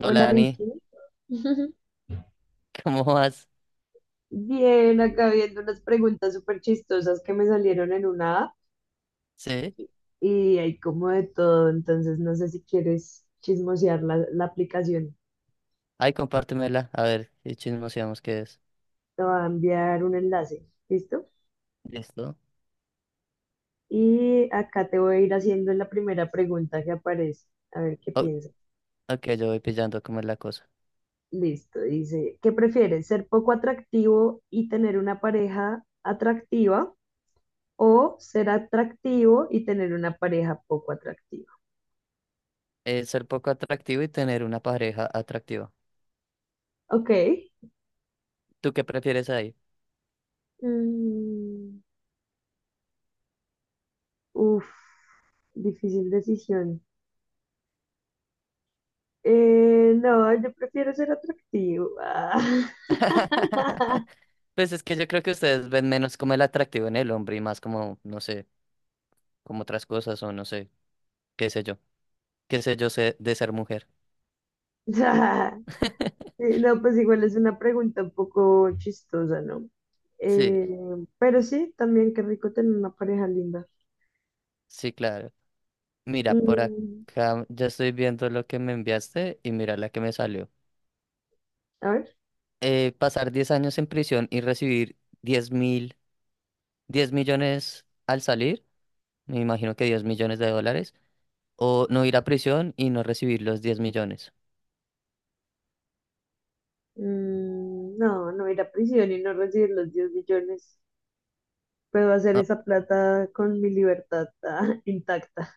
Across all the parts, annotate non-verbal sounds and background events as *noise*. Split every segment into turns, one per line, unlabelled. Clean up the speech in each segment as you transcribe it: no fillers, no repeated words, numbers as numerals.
Hola
Hola Dani,
Richie. *laughs*
*laughs* ¿cómo vas?
Bien, acá viendo unas preguntas súper chistosas que me salieron en una app
Sí,
y hay como de todo, entonces no sé si quieres chismosear la aplicación.
ay, compártemela, a ver, y chismoseamos qué es.
Te voy a enviar un enlace, ¿listo?
¿Listo?
Y acá te voy a ir haciendo la primera pregunta que aparece, a ver qué
O-
piensas.
ok, yo voy pillando cómo es la cosa.
Listo, dice, ¿qué prefieres? ¿Ser poco atractivo y tener una pareja atractiva o ser atractivo y tener una pareja poco atractiva?
Ser poco atractivo y tener una pareja atractiva.
Ok.
¿Tú qué prefieres ahí?
Mm, uf, difícil decisión. No, yo prefiero ser atractivo. Ah.
*laughs* Pues es que yo creo que ustedes ven menos como el atractivo en el hombre y más como, no sé, como otras cosas o no sé, qué sé yo, qué sé yo sé de ser mujer.
*laughs*
*laughs*
No, pues igual es una pregunta un poco chistosa, ¿no?
Sí,
Eh, pero sí, también qué rico tener una pareja linda.
sí, claro. Mira, por
Mm,
acá ya estoy viendo lo que me enviaste y mira la que me salió.
a ver,
Pasar 10 años en prisión y recibir 10 mil, 10 millones al salir, me imagino que 10 millones de dólares, o no ir a prisión y no recibir los 10 millones.
no, no ir a prisión y no recibir los 10 millones. Puedo hacer
Ah,
esa plata con mi libertad *laughs* intacta.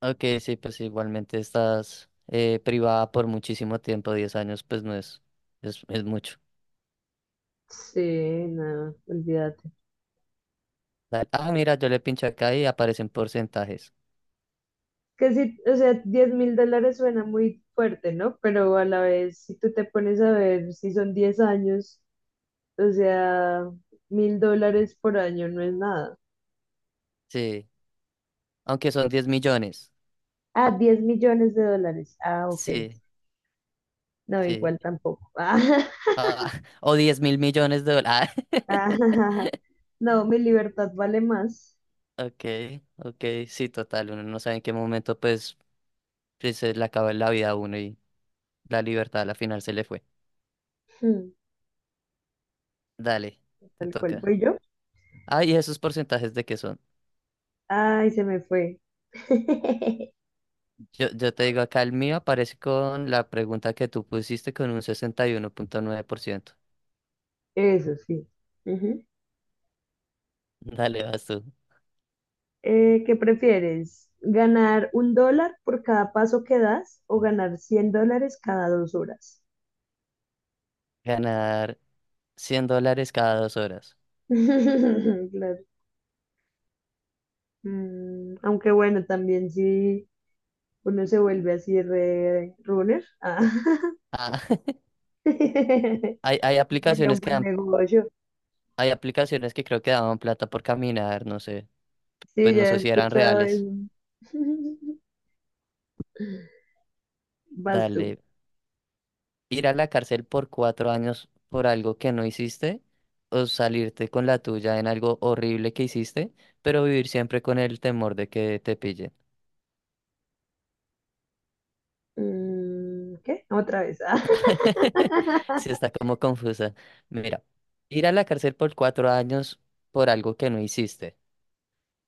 ok, sí, pues igualmente estás privada por muchísimo tiempo, 10 años, pues no es, es mucho.
Sí, no, olvídate.
Dale. Ah, mira, yo le pincho acá y aparecen porcentajes.
Que sí, o sea, $10.000 suena muy fuerte, ¿no? Pero a la vez, si tú te pones a ver si son 10 años, o sea, $1.000 por año no es nada.
Sí, aunque son 10 millones.
Ah, 10 millones de dólares. Ah, ok.
Sí,
No,
sí.
igual tampoco. *laughs*
Ah, *laughs* o 10 mil millones de dólares.
Ah, ah, no, mi
*laughs*
libertad vale más.
Ok, ok, sí, total, uno no sabe en qué momento pues se le acaba la vida a uno y la libertad a la final se le fue.
Hmm,
Dale, te
Tal cual
toca.
voy yo.
Ah, ¿y esos porcentajes de qué son?
Ay, se me fue. *laughs*
Yo te digo, acá el mío aparece con la pregunta que tú pusiste con un 61,9%.
Eso sí.
Dale, vas tú.
¿Qué prefieres? ¿Ganar $1 por cada paso que das o ganar $100 cada 2 horas?
Ganar 100 dólares cada 2 horas.
*laughs* Claro. Aunque bueno, también si uno se vuelve así re runner,
Ah, *laughs*
*laughs*
hay, hay
sería un
aplicaciones que
buen
dan,
negocio.
hay aplicaciones que creo que daban plata por caminar, no sé,
Sí,
pues no
ya he
sé si eran
escuchado
reales.
eso. *laughs* Vas tú.
Dale, ir a la cárcel por 4 años por algo que no hiciste o salirte con la tuya en algo horrible que hiciste, pero vivir siempre con el temor de que te pillen.
¿Qué? Otra vez. Ah.
*laughs* Sí,
*laughs*
está como confusa. Mira, ir a la cárcel por cuatro años por algo que no hiciste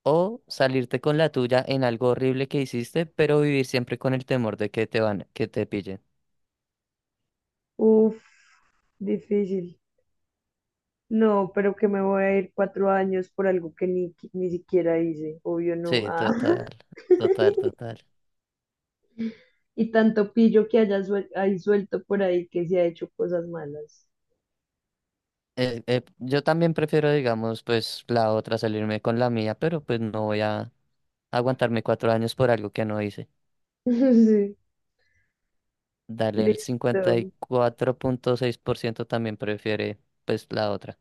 o salirte con la tuya en algo horrible que hiciste, pero vivir siempre con el temor de que te pillen.
Uf, difícil. No, pero que me voy a ir 4 años por algo que ni siquiera hice, obvio no.
Sí,
Ah,
total,
*laughs*
total, total.
y tanto pillo que hay suelto por ahí que se ha hecho cosas malas.
Yo también prefiero, digamos, pues la otra, salirme con la mía, pero pues no voy a aguantarme 4 años por algo que no hice.
*laughs* Sí,
Dale, el cincuenta
listo.
y cuatro punto seis por ciento también prefiere, pues, la otra.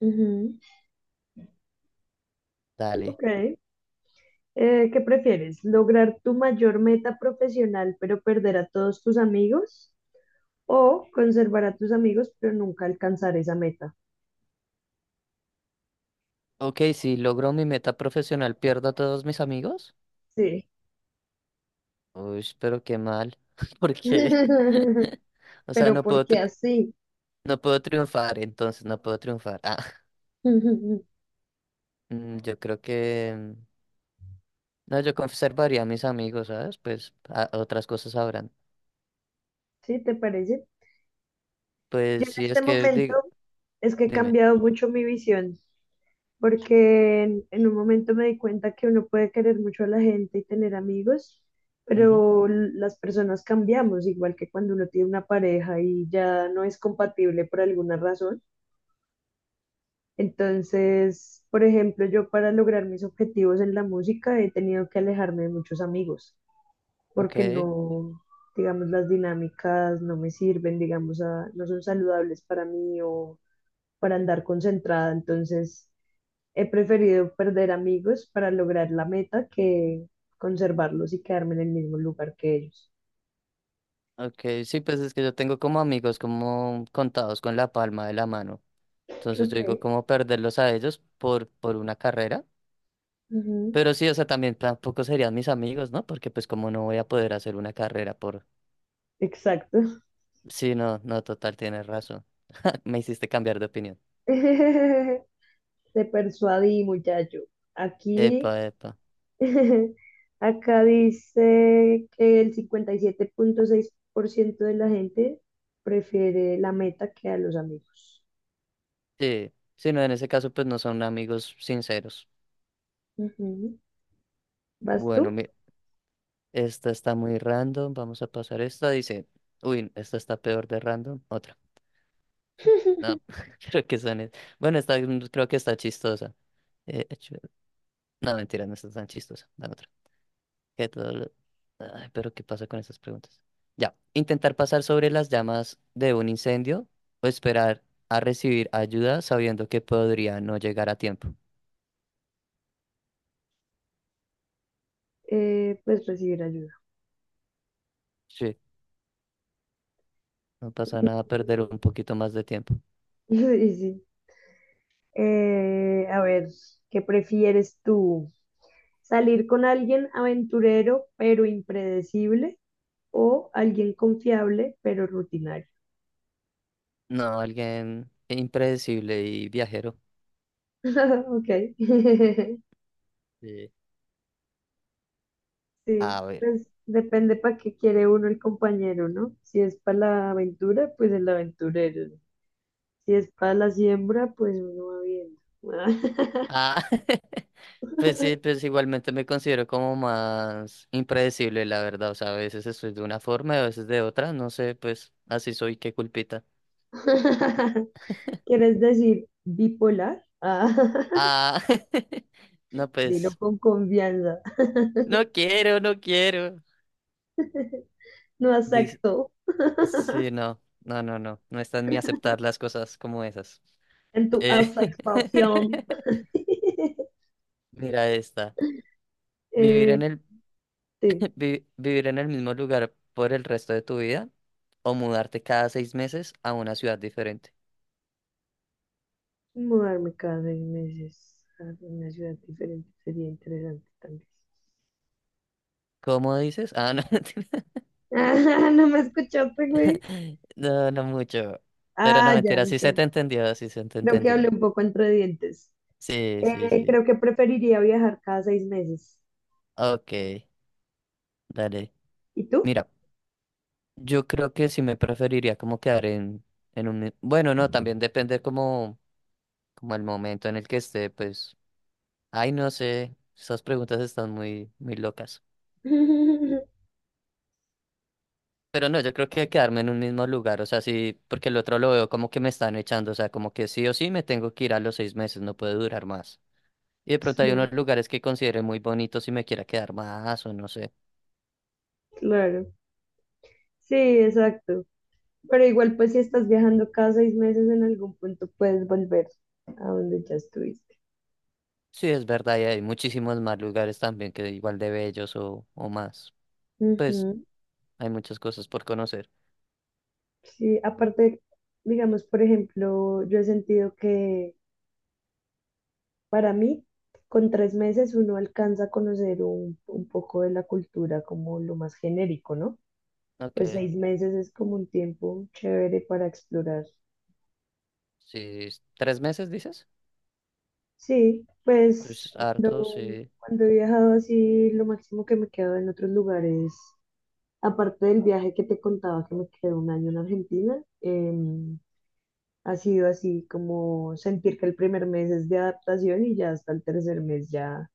Ujú.
Dale.
Ok. ¿Qué prefieres? ¿Lograr tu mayor meta profesional pero perder a todos tus amigos? ¿O conservar a tus amigos pero nunca alcanzar esa meta?
Ok, si logro mi meta profesional, ¿pierdo a todos mis amigos?
Sí.
Uy, pero qué mal. *laughs* ¿Por qué?
*laughs*
*laughs* O sea,
Pero ¿por qué así?
no puedo triunfar, entonces no puedo triunfar. Ah,
*laughs*
*laughs* yo creo que... No, yo conservaría a mis amigos, ¿sabes? Pues otras cosas habrán.
¿Sí te parece? Yo
Pues
en
sí,
este
es que
momento
diga,
es que he
dime.
cambiado mucho mi visión, porque en un momento me di cuenta que uno puede querer mucho a la gente y tener amigos,
Ujú.
pero las personas cambiamos, igual que cuando uno tiene una pareja y ya no es compatible por alguna razón. Entonces, por ejemplo, yo para lograr mis objetivos en la música he tenido que alejarme de muchos amigos,
Ok,
porque no, digamos, las dinámicas no me sirven, digamos, a- no son saludables para mí o para andar concentrada. Entonces, he preferido perder amigos para lograr la meta que conservarlos y quedarme en el mismo lugar que ellos.
ok, sí, pues es que yo tengo como amigos como contados con la palma de la mano. Entonces yo digo
Ok,
como perderlos a ellos por una carrera.
ujú,
Pero sí, o sea, también tampoco serían mis amigos, ¿no? Porque pues como no voy a poder hacer una carrera por...
exacto.
Sí, no, no, total, tienes razón. *laughs* Me hiciste cambiar de opinión.
*laughs* Te persuadí, muchacho.
Epa,
Aquí,
epa.
*laughs* acá dice que el 57,6% de la gente prefiere la meta que a los amigos.
Sí, sí, no, en ese caso pues no son amigos sinceros.
Ujú. ¿Vas
Bueno,
tú?
esta está muy random. Vamos a pasar esta. Dice, uy, esta está peor de random. Otra. Sí, no,
*laughs*
*laughs* creo que son. Bueno, esta creo que está chistosa. Eh, hecho- no, mentira, no está tan chistosa. Dame otra. Que todo lo- Ay, pero ¿qué pasa con estas preguntas? Ya. Intentar pasar sobre las llamas de un incendio o esperar a recibir ayuda sabiendo que podría no llegar a tiempo.
Pues recibir ayuda.
Sí, no pasa nada perder un poquito más de tiempo.
*laughs* Sí, sí. A ver, ¿qué prefieres tú? ¿Salir con alguien aventurero pero impredecible o alguien confiable pero rutinario?
No, alguien impredecible y viajero.
*laughs* Ok. *laughs*
Sí.
Sí,
A ver.
pues depende para qué quiere uno el compañero, ¿no? Si es para la aventura, pues el aventurero. Si es para la siembra, pues uno va viendo.
Ah, *laughs* pues sí, pues igualmente me considero como más impredecible, la verdad. O sea, a veces estoy de una forma y a veces de otra. No sé, pues así soy, qué culpita.
*laughs* ¿Quieres decir bipolar? Ah, *laughs*
Ah, *laughs* no,
dilo
pues
con confianza.
no quiero, no quiero.
No
Dice,
acepto
sí, no, no, no, no. No está en mí aceptar las cosas como esas.
en tu
Eh,
aceptación.
*laughs*
*laughs*
Mira esta. Vivir
Eh,
en el,
sí,
*laughs* vivir en el mismo lugar por el resto de tu vida o mudarte cada 6 meses a una ciudad diferente.
mudarme cada 6 meses a una ciudad diferente sería interesante también.
¿Cómo dices? Ah, no,
Ah, *laughs* no me escuchaste, güey.
*laughs* no, no mucho. Pero no,
Ah, ya,
mentira, sí se
ok.
te entendió, sí se te
Creo que hablé
entendió.
un poco entre dientes.
Sí, sí,
Eh,
sí.
creo que preferiría viajar cada 6 meses.
Ok, dale.
¿Y tú?
Mira, yo creo que sí me preferiría como quedar en un... Bueno, no, también depende como el momento en el que esté, pues... Ay, no sé, esas preguntas están muy, muy locas.
*laughs*
Pero no, yo creo que quedarme en un mismo lugar, o sea, sí, porque el otro lo veo como que me están echando, o sea, como que sí o sí me tengo que ir a los 6 meses, no puede durar más. Y de pronto hay
Sí,
unos lugares que considere muy bonitos y me quiera quedar más o no sé.
claro. Sí, exacto. Pero igual, pues si estás viajando cada 6 meses, en algún punto puedes volver a donde ya estuviste.
Sí, es verdad, y hay muchísimos más lugares también que igual de bellos o más. Pues
Ujú.
hay muchas cosas por conocer.
Sí, aparte, digamos, por ejemplo, yo he sentido que para mí, con 3 meses uno alcanza a conocer un poco de la cultura como lo más genérico, ¿no?
Ok,
Pues 6 meses es como un tiempo chévere para explorar.
sí, 3 meses dices.
Sí, pues
Es harto,
cuando,
sí.
cuando he viajado así, lo máximo que me quedo en otros lugares, aparte del viaje que te contaba que me quedé un año en Argentina, ha sido así como sentir que el primer mes es de adaptación y ya hasta el tercer mes ya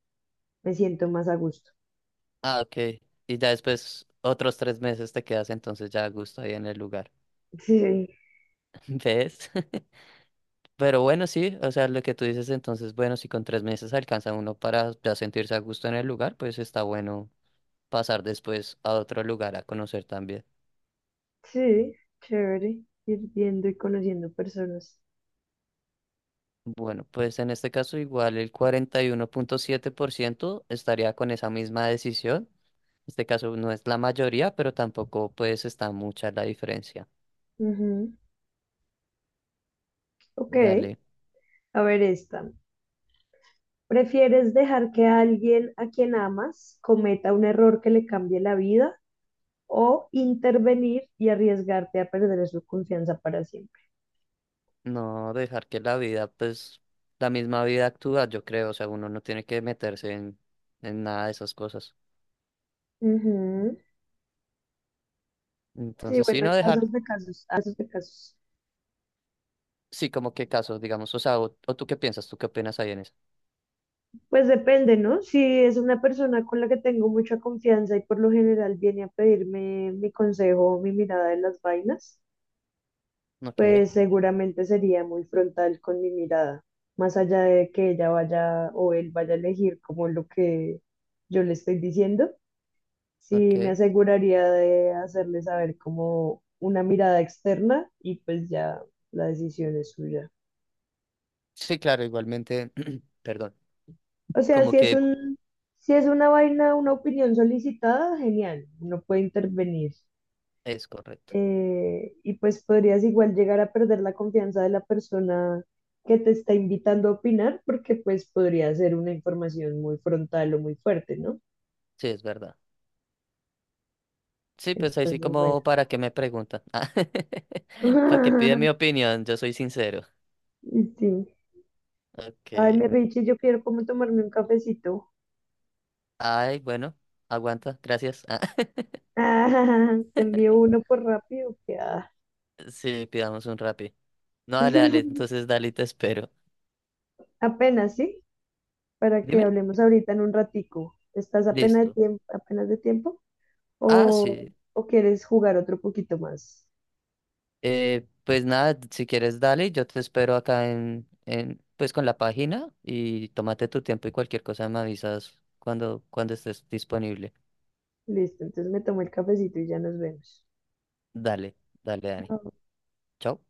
me siento más a gusto.
Ah, ok. Y ya después otros 3 meses te quedas entonces ya a gusto ahí en el lugar.
Sí,
*laughs* ¿Ves? *laughs* Pero bueno, sí, o sea, lo que tú dices entonces, bueno, si con 3 meses alcanza uno para ya sentirse a gusto en el lugar, pues está bueno pasar después a otro lugar a conocer también.
sí, *laughs* chévere, ir viendo y conociendo personas.
Bueno, pues en este caso igual el 41,7% estaría con esa misma decisión. En este caso no es la mayoría, pero tampoco pues está mucha la diferencia.
Ujú. Ok,
Dale,
a ver esta. ¿Prefieres dejar que alguien a quien amas cometa un error que le cambie la vida o intervenir y arriesgarte a perder su confianza para siempre?
no dejar que la vida, pues la misma vida actúa, yo creo, o sea, uno no tiene que meterse en nada de esas cosas.
Ujú. Sí,
Entonces, sí,
bueno, hay
no dejar,
casos de casos, casos de casos.
sí, como qué casos, digamos, o sea, o tú qué piensas, tú qué opinas ahí en eso.
Pues depende, ¿no? Si es una persona con la que tengo mucha confianza y por lo general viene a pedirme mi consejo o mi mirada de las vainas,
Ok,
pues seguramente sería muy frontal con mi mirada, más allá de que ella vaya o él vaya a elegir como lo que yo le estoy diciendo, sí me
ok.
aseguraría de hacerle saber como una mirada externa y pues ya la decisión es suya.
Sí, claro, igualmente, *clears throat* perdón.
O sea,
Como que
si es una vaina, una opinión solicitada, genial, uno puede intervenir.
es correcto.
Y pues podrías igual llegar a perder la confianza de la persona que te está invitando a opinar, porque pues podría ser una información muy frontal o muy fuerte, ¿no?
Sí, es verdad. Sí, pues ahí sí
Entonces, bueno.
como para qué me preguntan. *laughs* Para que pide mi
*laughs*
opinión, yo soy sincero.
Y sí.
Ok.
Ay, mi Richie, yo quiero como tomarme un cafecito. *laughs*
Ay, bueno, aguanta, gracias. Ah,
Ah, te envío uno por rápido, que ah.
*laughs* Sí, pidamos un Rappi. No, dale, dale,
*laughs*
entonces dale y te espero.
Apenas, ¿sí? Para que
Dime.
hablemos ahorita en un ratico. ¿Estás
Listo.
apenas de tiempo
Ah,
o,
sí.
o quieres jugar otro poquito más?
Pues nada, si quieres dale, yo te espero acá en, pues con la página y tómate tu tiempo y cualquier cosa me avisas cuando estés disponible.
Listo, entonces me tomo el cafecito y ya nos vemos.
Dale, dale, Dani.
Chao.
Chao.